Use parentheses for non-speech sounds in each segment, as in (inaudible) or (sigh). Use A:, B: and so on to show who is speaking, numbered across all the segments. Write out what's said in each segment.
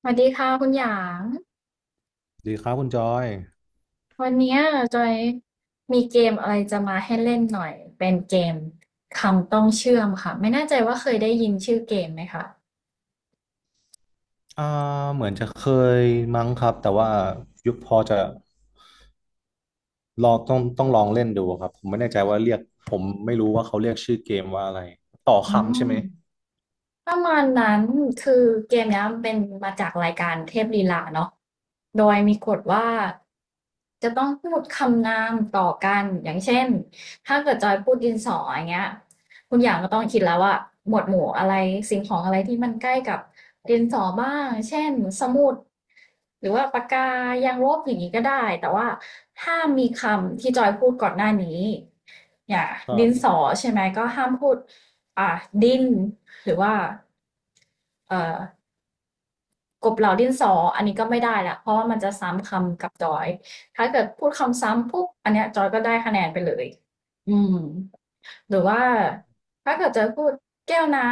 A: สวัสดีค่ะคุณหยาง
B: ดีครับคุณจอย
A: วันเนี้ยจอยมีเกมอะไรจะมาให้เล่นหน่อยเป็นเกมคำต้องเชื่อมค่ะไม่แน่ใจว่าเคยได้ยินชื่อเกมไหมคะ
B: อ่าเหมือนจะเคยมั้งครับแต่ว่ายุคพอจะลองต้องลองเล่นดูครับผมไม่แน่ใจว่าเรียกผมไม่รู้ว่าเขาเรียกชื่อเกมว่าอะไรต่อ
A: อื
B: คำใช่
A: ม
B: ไหม
A: ประมาณนั้นคือเกมเนี้ยมันเป็นมาจากรายการเทพลีลาเนาะโดยมีกฎว่าจะต้องพูดคำนามต่อกันอย่างเช่นถ้าเกิดจอยพูดดินสออย่างเงี้ยคุณอยางก็ต้องคิดแล้วว่าหมวดหมู่อะไรสิ่งของอะไรที่มันใกล้กับดินสอบ้างเช่นสมุดหรือว่าปากกายางลบอย่างนี้ก็ได้แต่ว่าห้ามมีคำที่จอยพูดก่อนหน้านี้อย่าง
B: ครั
A: ดินสอ
B: บ
A: ใช่ไหมก็ห้ามพูดอ่ะดิน หรือว่าเอ่อกบเหล่าดินสออันนี้ก็ไม่ได้ละเพราะว่ามันจะซ้ำคำกับจอยถ้าเกิดพูดคำซ้ำปุ๊บอันเนี้ยจอยก็ได้คะแนนไปเลยอืมหรือว่าถ้าเกิดจะพูดแก้วน้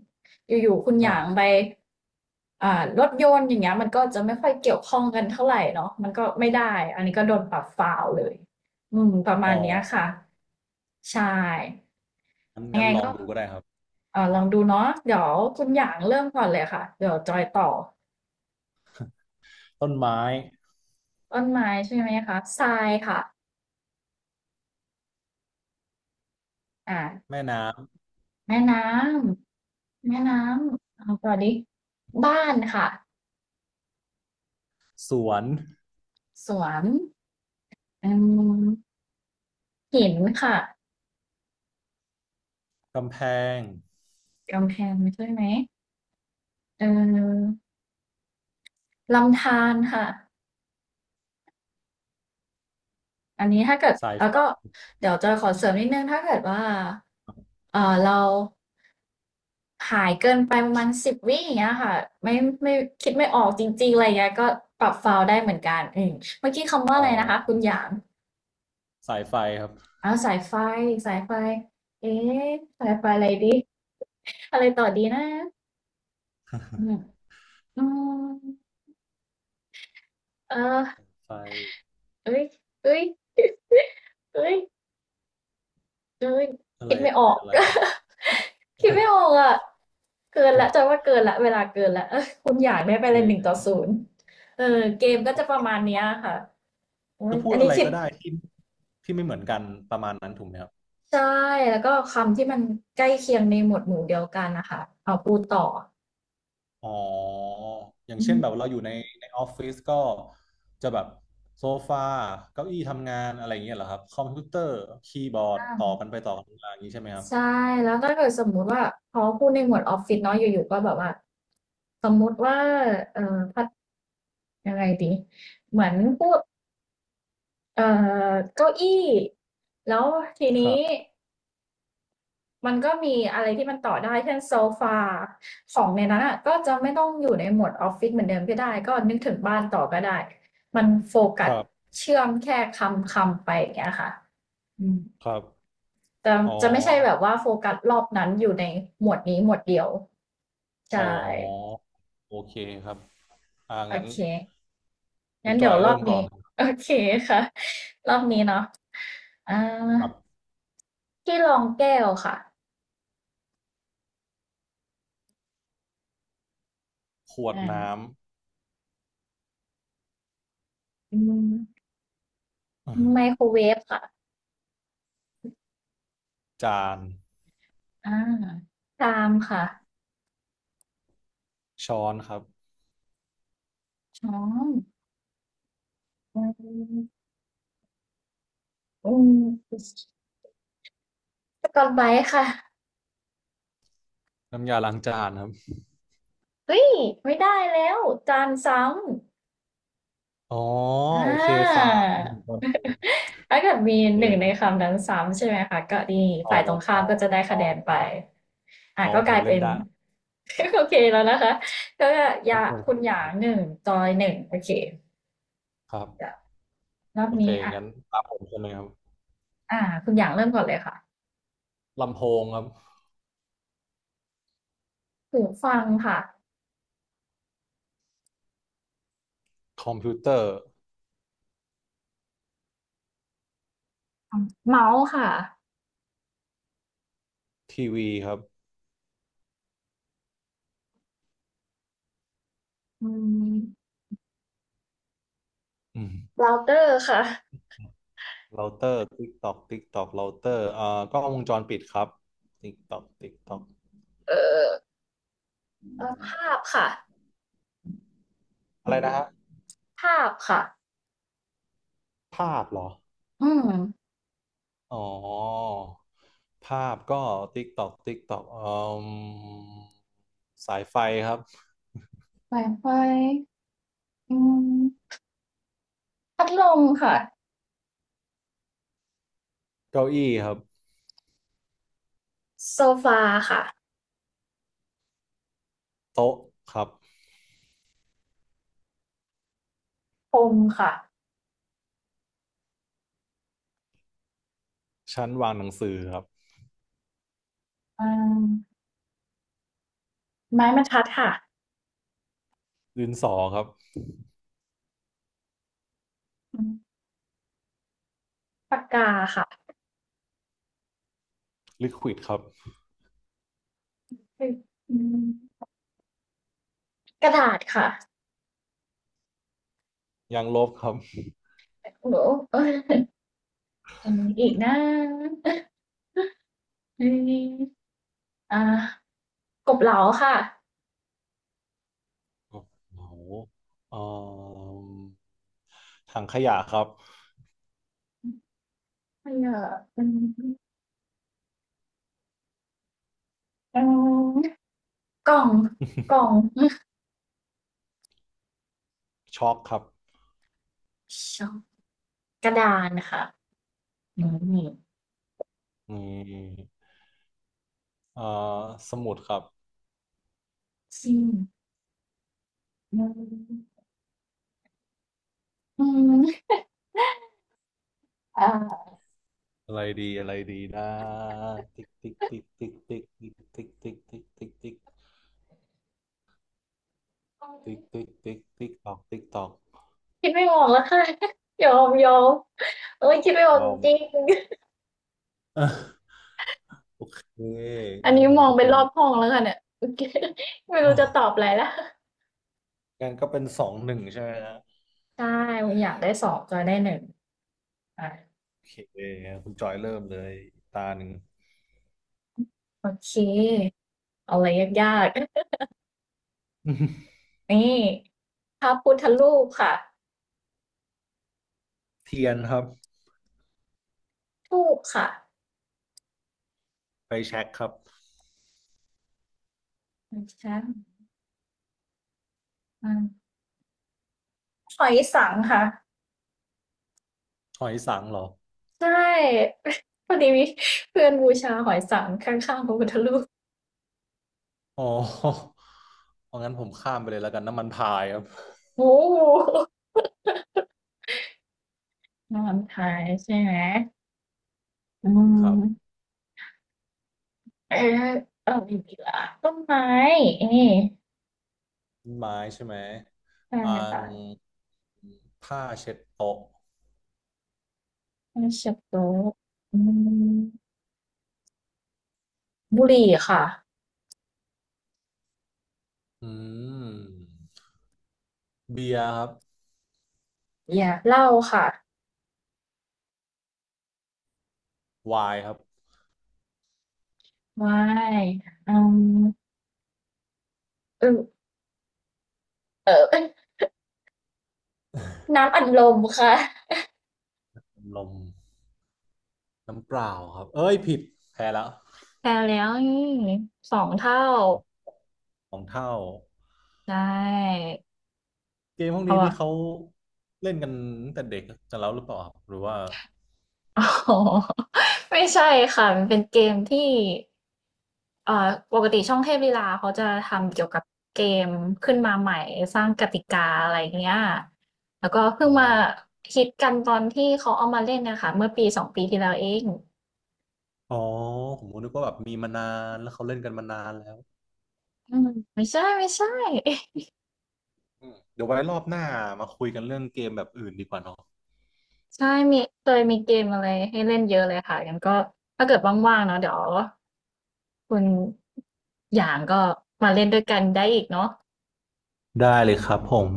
A: ำอยู่ๆคุณ
B: ค
A: ห
B: รั
A: ยางไป
B: บ
A: อ่ารถยนต์อย่างเงี้ยมันก็จะไม่ค่อยเกี่ยวข้องกันเท่าไหร่เนาะมันก็ไม่ได้อันนี้ก็โดนปรับฟาวเลยอืมประมาณ
B: อ๋อ
A: นี้ค่ะใช่
B: งั้น
A: ยัง
B: งั้
A: ไง
B: นลอง
A: ก็
B: ดูก็ได้ครับ
A: เออลองดูเนาะเดี๋ยวคุณหยางเริ่มก่อนเลยค่ะเดี๋ยวจอยต่อ
B: ต้นไม้
A: ต้นไม้ใช่ไหมคะทรายค่ะอ่า
B: แม่น้
A: แม่น้ำแม่น้ำเอาต่อดิบ้านค่ะ
B: ำสวน
A: สวนอืมหินค่ะ
B: กำแพง
A: กำแพงใช่ไหมเออลำธารค่ะอันนี้ถ้าเกิด
B: สาย
A: แล้ว
B: ไฟ
A: ก็เดี๋ยวจะขอเสริมนิดนึงถ้าเกิดว่าเออเราหายเกินไปประมาณ10 วิอย่างเงี้ยค่ะไม่ไม่คิดไม่ออกจริงๆอะไรเงี้ยก็ปรับฟาวล์ได้เหมือนกันอืมเมื่อกี้คำว่า
B: อ๋
A: อะไรนะคะคุ
B: อ
A: ณหยาง
B: สายไฟครับ
A: อาสายไฟสายไฟเอ๊ะสายไฟอะไรดี (laughs) อะไรต่อดีนะอืมอืมเออ
B: ไฟ
A: เอ้ยเอ้ยเอ้ยเอ้ย
B: อะ
A: คิ
B: ไร
A: ดไม่
B: อะ
A: อ
B: ไร
A: อก
B: อะไร
A: (laughs) คิดไม่ออกอะเกินแล้วจอว่าเกินแล้วเวลาเกินแล้วเออ (laughs) คุณอยากได้ไป
B: เ
A: เลยหนึ่งต่อ
B: ออ
A: ศูนย์เออเกมก็จะประมาณเนี้ยค่ะโอ้
B: จะ
A: ย
B: พูด
A: อัน
B: อะ
A: นี้
B: ไร
A: คิด
B: ก็ได้ที่ที่ไม่เหมือนกันประมาณนั้นถูกไหมครับ
A: ใช่แล้วก็คำที่มันใกล้เคียงในหมวดหมู่เดียวกันนะคะเอาพูดต่อ
B: อ๋ออย่าง
A: อื
B: เช่น
A: ม
B: แบบเราอยู่ในในออฟฟิศก็จะแบบโซฟาเก้าอี้ทำงานอะไรอย่างเงี้ยเหรอครับคอมพิวเตอร์คีย์บอร์ดต่อกันไปต่อกันมาอย่างนี้ใช่ไหมครับ
A: ใช่แล้วถ้าเกิดสมมุติว่าพอพูดในหมวดออฟฟิศเนาะอยู่ๆก็แบบว่าสมมุติว่าพัดยังไงดีเหมือนพูดเอ่เก้าอี้แล้วที
B: ครั
A: นี้
B: บ
A: มันก็มีอะไรที่มันต่อได้เช่นโซฟาของในนั้นอ่ะก็จะไม่ต้องอยู่ในหมวดออฟฟิศเหมือนเดิมก็ได้ก็นึกถึงบ้านต่อก็ได้มันโฟกั
B: ค
A: ส
B: รับ
A: เชื่อมแค่คำคำไปอย่างเงี้ยค่ะอืม
B: ครับ
A: แต่
B: อ๋อ
A: จะไม่ใช่แบบว่าโฟกัสรอบนั้นอยู่ในหมวดนี้หมวดเดียวใช่
B: อ๋อโอเคครับอ่า
A: โอ
B: งั้น
A: เค
B: คุ
A: งั้
B: ณ
A: น
B: จ
A: เดี๋
B: อ
A: ย
B: ย
A: วรอ
B: เริ่
A: บ
B: มก่
A: นี้
B: อนเลย
A: (laughs) โอเคค่ะรอบนี้เนาะอ่า
B: ครับ
A: ที่รองแก้วค่ะ
B: ขวด
A: อ่า
B: น้
A: อืมไมโครเวฟค่ะ
B: ำจาน
A: อ่าชามค่ะ
B: ช้อนครับ
A: ช้อนอืมอืมสกอตไบรท์ค่ะ
B: น้ำยาล้างจานครับ
A: เฮ้ยไม่ได้แล้วจานซ้ำ
B: อ๋อ
A: อ่
B: โอเคฟ้า
A: า
B: หนึ่งตอน
A: (laughs) ถ้าเกิดมี
B: โอเ
A: หนึ่งใน
B: ค
A: คำนั้นซ้ำใช่ไหมคะก็ดี
B: อ๋อ
A: ฝ่ายตรงข้ามก็จะได้
B: อ๋อ
A: คะแนนไปอ่ะ
B: อ๋อ
A: ก็ก
B: ผ
A: ลา
B: ม
A: ย
B: เล่
A: เป็
B: น
A: น
B: ได้
A: (laughs) โอเคแล้วนะคะก็
B: โอ
A: ยา
B: เค
A: คุณห
B: ค
A: ยา
B: รั
A: ง
B: บ
A: หนึ่งจอยหนึ่งโอเค
B: ครับ
A: เดี๋ยวรอบ
B: โอเค
A: นี้อ่ะ
B: งั้นตามผมใช่ไหมครับ
A: อ่าคุณหยางเริ่มก่อนเลยค่ะ
B: ลำโพงครับ
A: หูฟังค่ะ
B: คอมพิวเตอร์
A: เมาส์ค่ะ
B: ทีวีครับ
A: อืม
B: อืม
A: เราเตอร์ค่ะ
B: เราเตอร์ติ๊กตอกติ๊กตอกเราเตอร์กล้องวงจรปิดครับติ๊กตอกติ๊กตอก
A: เออภาพค่ะ
B: อะไรนะฮะ
A: ภาพค่ะ
B: ภาพเหรอ
A: อืม
B: อ๋อภาพก็ติ๊กตอกติ๊กตอกอืมสายไฟครับ
A: ไวไฟอืมพัดลมค่ะ
B: เก้าอี้ครับ
A: โซฟาค่ะ
B: โต๊ะครับ
A: พรมค่ะ
B: ชั้นวางหนังสือครับ
A: อืมไม้บรรทัดค่ะ
B: ดินสอครับ
A: อืมปากกาค่ะ
B: ลิควิดครับ
A: อืมกระดาษค่ะ
B: ยางลบครับ
A: โอ้โหนูเอ้ยมันมีอีกนะเอยอ่ากบเหลาค่ะ
B: โอ้โหเอ่อถังขยะครับ
A: ไม่เยออืมอืมกล่องกล่อง
B: (laughs) ช็อกครับ
A: ชอบกระดานค่ะอืม
B: อืมเอ่อสมุดครับ
A: ซิมอืมอืมอ่า
B: อะไรดีอะไรดีนะติ๊กติ๊กติ๊กติ๊กติ๊กติ๊กติ๊กติ๊กติ๊กติ๊กติ๊กติ๊กติ๊กติ๊กตอกติ๊กตอก
A: คิดไม่ออกแล้วค่ะยอมยอมเอ้ยคิดไม่ออก
B: ลอม
A: จริง
B: (laughs) โอเค
A: อัน
B: งั้น
A: นี้
B: ผม
A: มอง
B: ก็
A: ไป
B: เป็
A: ร
B: น
A: อบห้องแล้วกันเนี่ย (laughs) ไม่รู้จะตอบอะ
B: (laughs)
A: ไรละ
B: งั้นก็เป็น2-1ใช่ไหมฮะ
A: ใช่อยากได้สองก็ได้หนึ่งอ่ะ
B: โอเคคุณจอยเริ่มเลยตาหนึ่ง
A: โอเคเอาอะไรยากๆ (laughs) นี่พระพุทธรูปค่ะ
B: (laughs) เทียนครับ
A: ทูปค่ะ
B: ไปแช็กครับ
A: ไม่ใช่อาหอยสังค่ะ
B: หอยสังเหรอ
A: ใช่ (laughs) พอดีมีเพื่อนบูชาหอยสังข้างๆพระพุทธรูป
B: อ๋อเอางั้นผมข้ามไปเลยแล้วกันน้ำมันพายครับ
A: โอ้โหนอนทายใช่ไหมอื
B: ครับ
A: มเออเอาอีกละต้นไม้นี่
B: ต้นไม้ใช่ไหม
A: ใช่
B: อ่าง
A: ค่ะ
B: ผ้าเช็ดโต๊ะ
A: Friendship group อืมบุหรี่ค่ะ
B: อืมเบียร์ครับ
A: Yeah. เหล้าค่ะ
B: ไวน์ครับ
A: ไม่อืมเออเออเอ้ (laughs) ยน้ำอัดลมค่ะ
B: ลมน้ำเปล่าครับ เอ้ยผิดแพ้แล้ว
A: แพ้แล้วนี่สองเท่า
B: สองสองเท่า
A: ใช่
B: เกมพวก
A: เอา
B: นี้
A: วะ
B: นี่เขาเล่นกันตั้งแต่เด็กกันแล้วหรือเปล่าครับหรือว่า
A: (laughs) อ๋อ (laughs) ไม่ใช่ค่ะมันเป็นเกมที่เอ่อปกติช่องเทพลีลาเขาจะทำเกี่ยวกับเกมขึ้นมาใหม่สร้างกติกาอะไรเงี้ยแล้วก็เพิ่ง
B: อ๋อ
A: มาฮิตกันตอนที่เขาเอามาเล่นนะคะเมื่อปีสองปีที่แล้วเอง
B: อ๋อผมนึกว่าแบบมีมานานแล้วเขาเล่นกันมานานแล้ว
A: อืมไม่ใช่
B: อืมเดี๋ยวไว้รอบหน้ามาคุยกันเรื่องเกมแบบอื่นดีกว่าเนอะ
A: ใช่มีเคยมีเกมอะไรให้เล่นเยอะเลยค่ะงั้นก็ถ้าเกิดว่างๆเนาะเดี๋ยวคุณอย่างก็มาเล่นด้วยกันได้อีกเนาะ
B: ได้เลยครับผม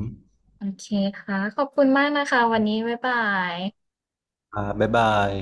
A: โอเคค่ะขอบคุณมากนะคะวันนี้บ๊ายบาย
B: อ่าบ๊ายบาย